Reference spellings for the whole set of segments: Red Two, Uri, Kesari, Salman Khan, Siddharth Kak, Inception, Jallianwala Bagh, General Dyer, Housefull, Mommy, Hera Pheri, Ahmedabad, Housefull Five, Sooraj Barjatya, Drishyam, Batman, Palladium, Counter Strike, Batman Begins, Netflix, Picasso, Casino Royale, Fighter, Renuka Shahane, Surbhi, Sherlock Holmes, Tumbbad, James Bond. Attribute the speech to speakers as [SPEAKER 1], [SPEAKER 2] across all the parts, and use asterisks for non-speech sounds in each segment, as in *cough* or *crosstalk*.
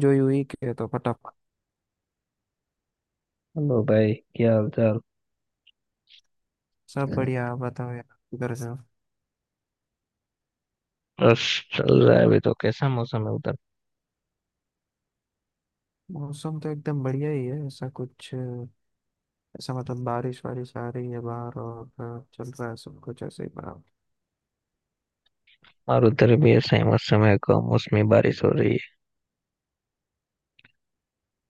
[SPEAKER 1] जो यूं ही के तो फटाफट
[SPEAKER 2] हेलो भाई, क्या हाल चाल।
[SPEAKER 1] सब बढ़िया। आप बताओ यार, उधर से हो?
[SPEAKER 2] बस चल रहा है। अभी तो कैसा मौसम है उधर?
[SPEAKER 1] मौसम तो एकदम बढ़िया ही है। ऐसा कुछ ऐसा मतलब बारिश वारिश आ रही है बाहर और चल रहा है सब कुछ ऐसे ही बराबर।
[SPEAKER 2] और उधर भी ऐसा ही मौसम है, कम मौसमी बारिश हो रही है।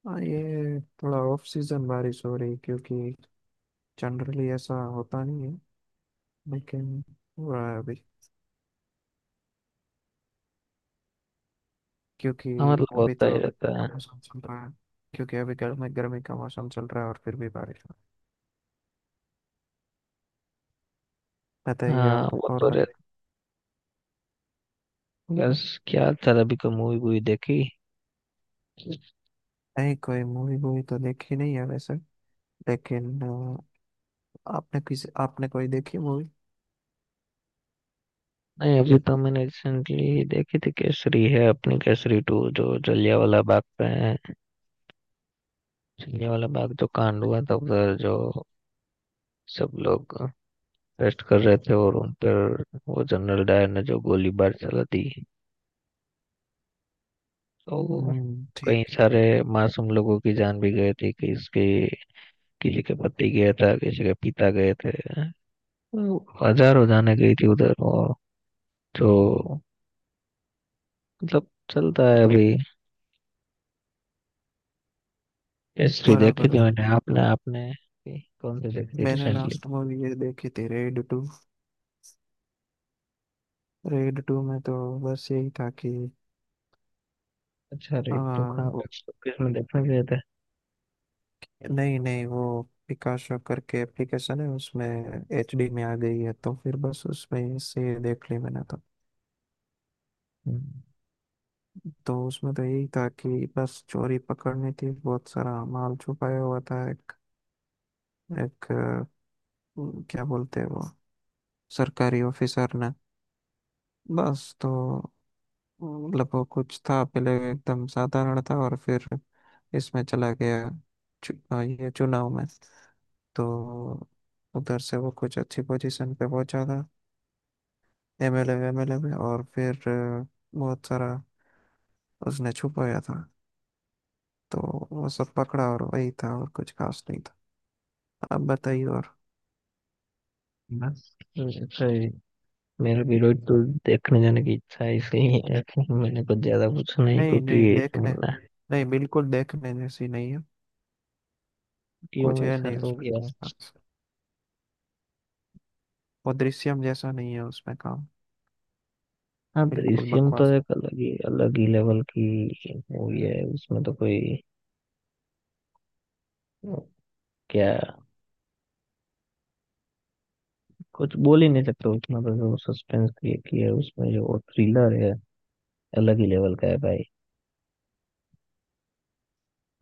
[SPEAKER 1] हाँ, ये थोड़ा ऑफ सीजन बारिश हो रही है, क्योंकि जनरली ऐसा होता नहीं है, लेकिन हो रहा है अभी। क्योंकि
[SPEAKER 2] हाँ मतलब
[SPEAKER 1] अभी
[SPEAKER 2] होता
[SPEAKER 1] तो
[SPEAKER 2] ही रहता
[SPEAKER 1] गर्मी का
[SPEAKER 2] है।
[SPEAKER 1] मौसम चल रहा है, क्योंकि अभी गर्मी गर्मी का मौसम चल रहा है और फिर भी बारिश हो रही है। बताइए,
[SPEAKER 2] हाँ
[SPEAKER 1] आप
[SPEAKER 2] वो
[SPEAKER 1] और
[SPEAKER 2] तो
[SPEAKER 1] बताइए।
[SPEAKER 2] रहता। बस क्या चल, अभी कोई मूवी वूवी देखी?
[SPEAKER 1] नहीं, कोई मूवी वूवी तो देखी नहीं है वैसे, लेकिन आपने कोई देखी मूवी?
[SPEAKER 2] नहीं, अभी तो मैंने रिसेंटली देखी थी, केसरी है अपनी, केसरी टू, जो जलियांवाला बाग पे है। जलियांवाला बाग जो कांड हुआ था उधर, जो सब लोग रेस्ट कर रहे थे और उन पर वो जनरल डायर ने जो गोलीबार चला दी। तो
[SPEAKER 1] हम्म,
[SPEAKER 2] कई
[SPEAKER 1] ठीक है।
[SPEAKER 2] सारे मासूम लोगों की जान भी गई थी। किसी के पति गया था, किसी के पिता गए थे। तो हजारों जाने गई थी उधर। और जो मतलब चलता है अभी। हिस्ट्री देखी
[SPEAKER 1] बराबर है।
[SPEAKER 2] थी मैंने। आपने आपने भी कौन सी देखी थी
[SPEAKER 1] मैंने
[SPEAKER 2] रिसेंटली?
[SPEAKER 1] लास्ट मूवी ये देखी थी, रेड टू। रेड टू में तो बस यही था कि
[SPEAKER 2] अच्छा,
[SPEAKER 1] आ,
[SPEAKER 2] रे तो कहाँ पे,
[SPEAKER 1] वो,
[SPEAKER 2] किस में देखने गए थे?
[SPEAKER 1] नहीं नहीं वो पिकाशो करके एप्लीकेशन है, उसमें एचडी में आ गई है, तो फिर बस उसमें से देख ली मैंने तो।
[SPEAKER 2] हम्म।
[SPEAKER 1] तो उसमें तो यही था कि बस चोरी पकड़नी थी, बहुत सारा माल छुपाया हुआ था एक एक अ, क्या बोलते हैं वो सरकारी ऑफिसर ने। बस तो मतलब वो कुछ था पहले एकदम साधारण, था और फिर इसमें चला गया ये चुनाव में। तो उधर से वो कुछ अच्छी पोजीशन पे पहुंचा था, एमएलए एमएलए में, और फिर बहुत सारा उसने छुपाया था। तो वो सब पकड़ा, और वही था, और कुछ खास नहीं था। अब बताइए और।
[SPEAKER 2] बस अच्छा ही। मेरा भी रोज तो देखने जाने की इच्छा है, इसलिए *laughs* मैंने कुछ ज्यादा पूछा नहीं
[SPEAKER 1] नहीं नहीं
[SPEAKER 2] क्योंकि
[SPEAKER 1] देखने,
[SPEAKER 2] *laughs*
[SPEAKER 1] नहीं बिल्कुल देखने जैसी नहीं है।
[SPEAKER 2] क्यों
[SPEAKER 1] कुछ है
[SPEAKER 2] ऐसा
[SPEAKER 1] नहीं
[SPEAKER 2] हो
[SPEAKER 1] उसमें
[SPEAKER 2] गया।
[SPEAKER 1] खास। वो दृश्यम जैसा नहीं है उसमें काम,
[SPEAKER 2] हाँ,
[SPEAKER 1] बिल्कुल
[SPEAKER 2] दृश्यम तो
[SPEAKER 1] बकवास।
[SPEAKER 2] एक अलग ही लेवल की मूवी है। उसमें तो कोई क्या कुछ बोल ही नहीं सकते। उसमें तो जो सस्पेंस क्रिएट किया है, उसमें जो थ्रिलर है, अलग ही लेवल का है भाई।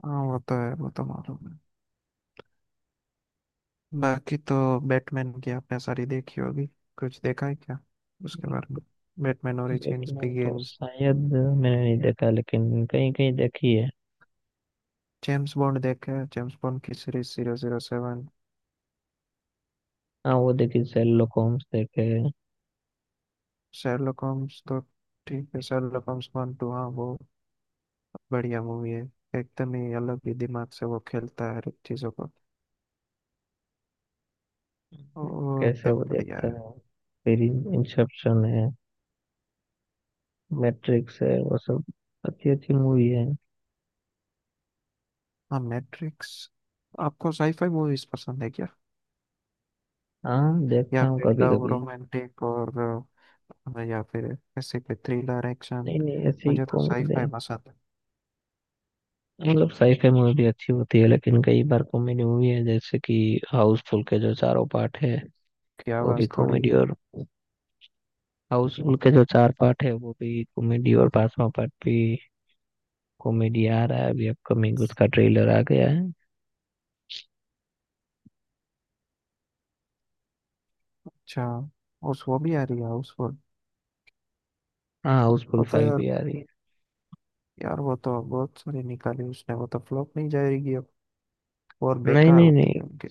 [SPEAKER 1] हाँ, वो तो है, वो तो मालूम है। बाकी तो बैटमैन की आपने सारी देखी होगी? कुछ देखा है क्या उसके बारे में, बैटमैन ओरिजिन्स
[SPEAKER 2] बैटमैन तो
[SPEAKER 1] बिगिंस?
[SPEAKER 2] शायद मैंने नहीं देखा, लेकिन कहीं कहीं देखी है।
[SPEAKER 1] जेम्स बॉन्ड देखा है? जेम्स बॉन्ड की सीरीज जीरो जीरो सेवन?
[SPEAKER 2] हाँ वो देखी, शेरलॉक होम्स देखे।
[SPEAKER 1] शेरलॉक होम्स तो ठीक है। शेरलॉक होम्स वन टू, हाँ वो बढ़िया मूवी है। एकदम ही अलग ही दिमाग से वो खेलता है हर एक चीज़ों को। वो
[SPEAKER 2] कैसे वो
[SPEAKER 1] एकदम बढ़िया
[SPEAKER 2] देखता
[SPEAKER 1] है।
[SPEAKER 2] है। फिर इंसेप्शन है, मैट्रिक्स है, वो सब अच्छी अच्छी मूवी है।
[SPEAKER 1] हाँ, मैट्रिक्स। आपको साईफाई मूवीज पसंद है क्या?
[SPEAKER 2] हाँ
[SPEAKER 1] या
[SPEAKER 2] देखता हूँ
[SPEAKER 1] फिर
[SPEAKER 2] कभी
[SPEAKER 1] लव
[SPEAKER 2] कभी।
[SPEAKER 1] रोमांटिक और, हाँ, या फिर ऐसे कोई थ्रिलर एक्शन?
[SPEAKER 2] नहीं नहीं, ऐसे ही
[SPEAKER 1] मुझे तो
[SPEAKER 2] कॉमेडी।
[SPEAKER 1] साईफाई पसंद है।
[SPEAKER 2] मतलब साईफाई मूवी भी अच्छी होती है, लेकिन कई बार कॉमेडी मूवी है, जैसे कि हाउसफुल के जो चारों पार्ट है,
[SPEAKER 1] की
[SPEAKER 2] वो भी
[SPEAKER 1] आवाज़ थोड़ी।
[SPEAKER 2] कॉमेडी। और हाउसफुल के जो चार पार्ट है, वो भी कॉमेडी और पांचवा पार्ट भी कॉमेडी आ रहा है अभी, अपकमिंग, उसका ट्रेलर आ गया है।
[SPEAKER 1] अच्छा, उस वो भी आ रही है हाउसफुल?
[SPEAKER 2] हाँ, हाउसफुल
[SPEAKER 1] वो तो
[SPEAKER 2] फाइव
[SPEAKER 1] यार,
[SPEAKER 2] भी आ रही है।
[SPEAKER 1] यार वो तो बहुत सारी निकाली उसने, वो तो फ्लॉप नहीं जाएगी अब, और
[SPEAKER 2] नहीं
[SPEAKER 1] बेकार
[SPEAKER 2] नहीं
[SPEAKER 1] होती है
[SPEAKER 2] नहीं।
[SPEAKER 1] उनकी।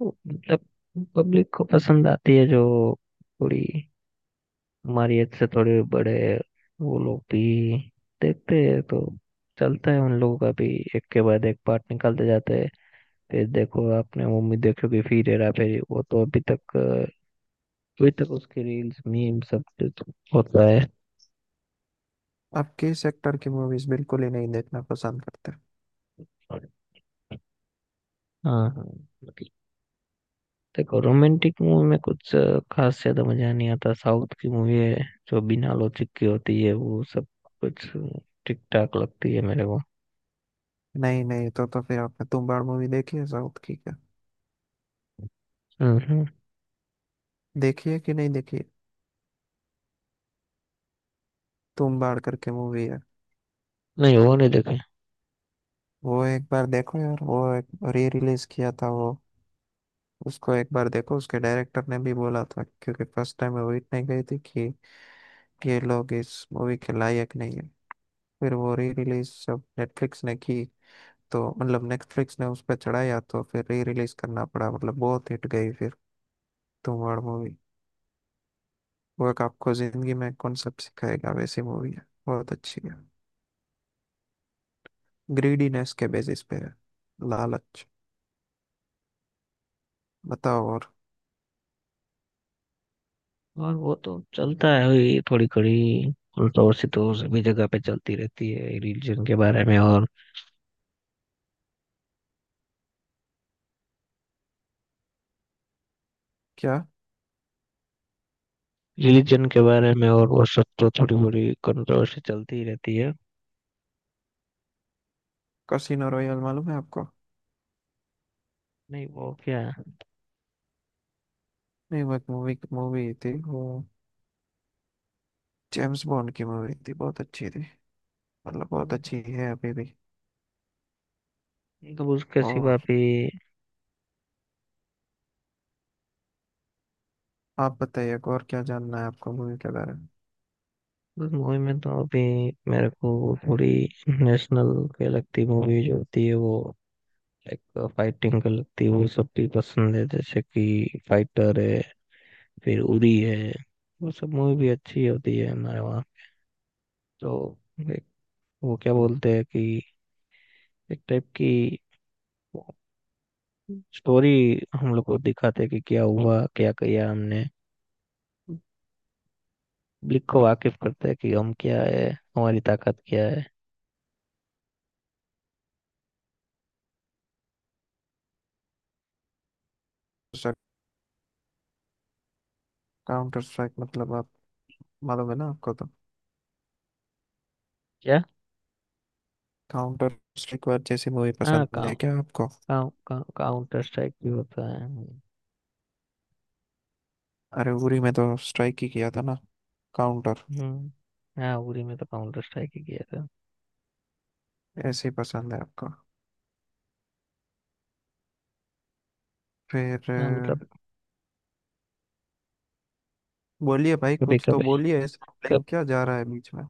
[SPEAKER 2] वो मतलब पब्लिक को पसंद आती है, जो थोड़ी हमारी एज से थोड़े बड़े वो लोग भी देखते हैं, तो चलता है उन लोगों का भी। एक के बाद एक पार्ट निकालते जाते हैं। फिर देखो आपने, मम्मी देखोगे, फिर हेरा फेरी, वो तो अभी तक उसकी रील्स, मीम सब कुछ होता है।
[SPEAKER 1] आप किस सेक्टर की मूवीज बिल्कुल ही नहीं देखना पसंद करते?
[SPEAKER 2] हाँ हाँ। देखो, रोमांटिक मूवी में कुछ खास ज्यादा मजा नहीं आता। साउथ की मूवी है जो बिना लॉजिक की होती है वो सब कुछ ठीक ठाक लगती है मेरे को।
[SPEAKER 1] नहीं नहीं, तो फिर आपने तुम्बाड़ मूवी देखी है? साउथ की क्या
[SPEAKER 2] हम्म हम्म।
[SPEAKER 1] देखी है कि नहीं देखी है? तुम्बाड़ करके मूवी है।
[SPEAKER 2] नहीं, वो नहीं देखे।
[SPEAKER 1] वो एक बार देखो यार। वो एक री रिलीज किया था वो, उसको एक बार देखो। उसके डायरेक्टर ने भी बोला था, क्योंकि फर्स्ट टाइम वो इतने गई थी कि ये लोग इस मूवी के लायक नहीं है। फिर वो री रिलीज जब नेटफ्लिक्स ने की, तो मतलब नेटफ्लिक्स ने उस पर चढ़ाया, तो फिर री रिलीज करना पड़ा, मतलब बहुत हिट गई फिर तुम्बाड़ मूवी। वो एक आपको जिंदगी में कॉन्सेप्ट सिखाएगा वैसी मूवी है, बहुत अच्छी है। ग्रीडीनेस के बेसिस पे है, लालच। बताओ और
[SPEAKER 2] और वो तो चलता है, वही थोड़ी खड़ी उल्टा और सिद्धों सभी जगह पे चलती रहती है। रिलीजन के बारे में और
[SPEAKER 1] क्या।
[SPEAKER 2] रिलीजन के बारे में और वो सब तो थोड़ी बड़ी कंट्रोवर्सी चलती ही रहती है।
[SPEAKER 1] कसिनो रॉयल मालूम है आपको?
[SPEAKER 2] नहीं वो क्या?
[SPEAKER 1] नहीं, वो एक मूवी मूवी थी वो, जेम्स बॉन्ड की मूवी थी, बहुत अच्छी थी, मतलब बहुत अच्छी
[SPEAKER 2] मतलब
[SPEAKER 1] है अभी भी।
[SPEAKER 2] उसके सिवा
[SPEAKER 1] और
[SPEAKER 2] भी।
[SPEAKER 1] आप बताइए, और क्या जानना है आपको मूवी के बारे में?
[SPEAKER 2] उस मूवी में तो अभी मेरे को वो पूरी, नेशनल के लगती मूवी जो होती है वो, एक फाइटिंग का लगती है वो सब भी पसंद है, जैसे कि फाइटर है, फिर उरी है, वो सब मूवी भी अच्छी होती है हमारे वहाँ। तो एक वो क्या बोलते हैं कि एक टाइप की स्टोरी हम लोग को दिखाते हैं कि क्या हुआ, क्या किया हमने। पब्लिक को वाकिफ करते हैं कि हम क्या है, हमारी ताकत क्या है।
[SPEAKER 1] सर, काउंटर स्ट्राइक मतलब आप मालूम है ना आपको तो?
[SPEAKER 2] क्या?
[SPEAKER 1] काउंटर स्ट्राइक वार जैसी मूवी
[SPEAKER 2] हाँ,
[SPEAKER 1] पसंद
[SPEAKER 2] काउ
[SPEAKER 1] है क्या आपको?
[SPEAKER 2] काउ काउ काउंटर स्ट्राइक भी होता है।
[SPEAKER 1] अरे, उरी में तो स्ट्राइक ही किया था ना, काउंटर।
[SPEAKER 2] हम्म। हाँ, उरी में तो काउंटर स्ट्राइक ही किया था।
[SPEAKER 1] ऐसे ही पसंद है आपको? फिर
[SPEAKER 2] हाँ मतलब।
[SPEAKER 1] बोलिए भाई,
[SPEAKER 2] कभी
[SPEAKER 1] कुछ तो
[SPEAKER 2] कभी
[SPEAKER 1] बोलिए, ऐसा
[SPEAKER 2] कब
[SPEAKER 1] blank क्या जा रहा है बीच में?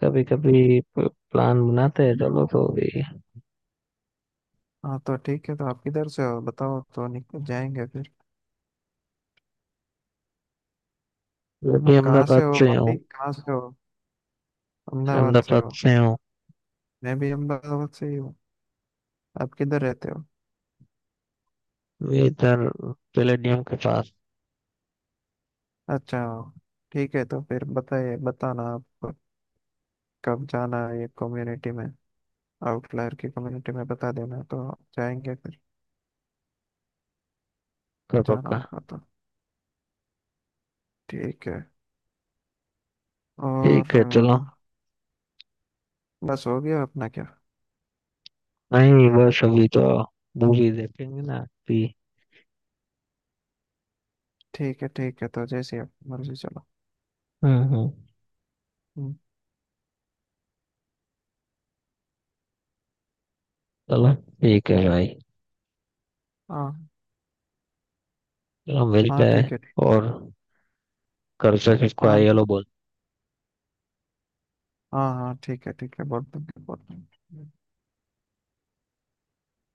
[SPEAKER 2] कभी कभी प्लान बनाते हैं, चलो तो भी।
[SPEAKER 1] हाँ, तो ठीक है, तो आप किधर से हो बताओ, तो निकल जाएंगे फिर।
[SPEAKER 2] मैं भी
[SPEAKER 1] कहाँ
[SPEAKER 2] अहमदाबाद
[SPEAKER 1] से हो
[SPEAKER 2] से हूँ।
[SPEAKER 1] भाई, कहाँ से हो? अहमदाबाद से
[SPEAKER 2] अहमदाबाद
[SPEAKER 1] हो?
[SPEAKER 2] से हूँ
[SPEAKER 1] मैं भी अहमदाबाद से ही हूँ। आप किधर रहते हो?
[SPEAKER 2] मैं इधर पैलेडियम के पास।
[SPEAKER 1] अच्छा, ठीक है। तो फिर बताइए, बताना आप कब जाना है ये कम्युनिटी में, आउटलायर की कम्युनिटी में बता देना, तो जाएंगे फिर।
[SPEAKER 2] का
[SPEAKER 1] जाना
[SPEAKER 2] पक्का।
[SPEAKER 1] होगा तो ठीक है।
[SPEAKER 2] ठीक
[SPEAKER 1] और
[SPEAKER 2] है चलो।
[SPEAKER 1] बस हो गया अपना क्या?
[SPEAKER 2] नहीं बस, अभी तो मूवी देखेंगे ना अभी।
[SPEAKER 1] ठीक है, ठीक है, तो जैसे आप मर्जी, चलो।
[SPEAKER 2] हम्म।
[SPEAKER 1] हम्म।
[SPEAKER 2] चलो, ठीक है भाई।
[SPEAKER 1] हाँ,
[SPEAKER 2] चलो, मिलते
[SPEAKER 1] हाँ
[SPEAKER 2] हैं।
[SPEAKER 1] ठीक है ठीक।
[SPEAKER 2] और घर से किसको आई
[SPEAKER 1] हाँ।
[SPEAKER 2] हेलो बोल।
[SPEAKER 1] हाँ, हाँ ठीक है ठीक है, बोल दूंगी बोल दूंगी।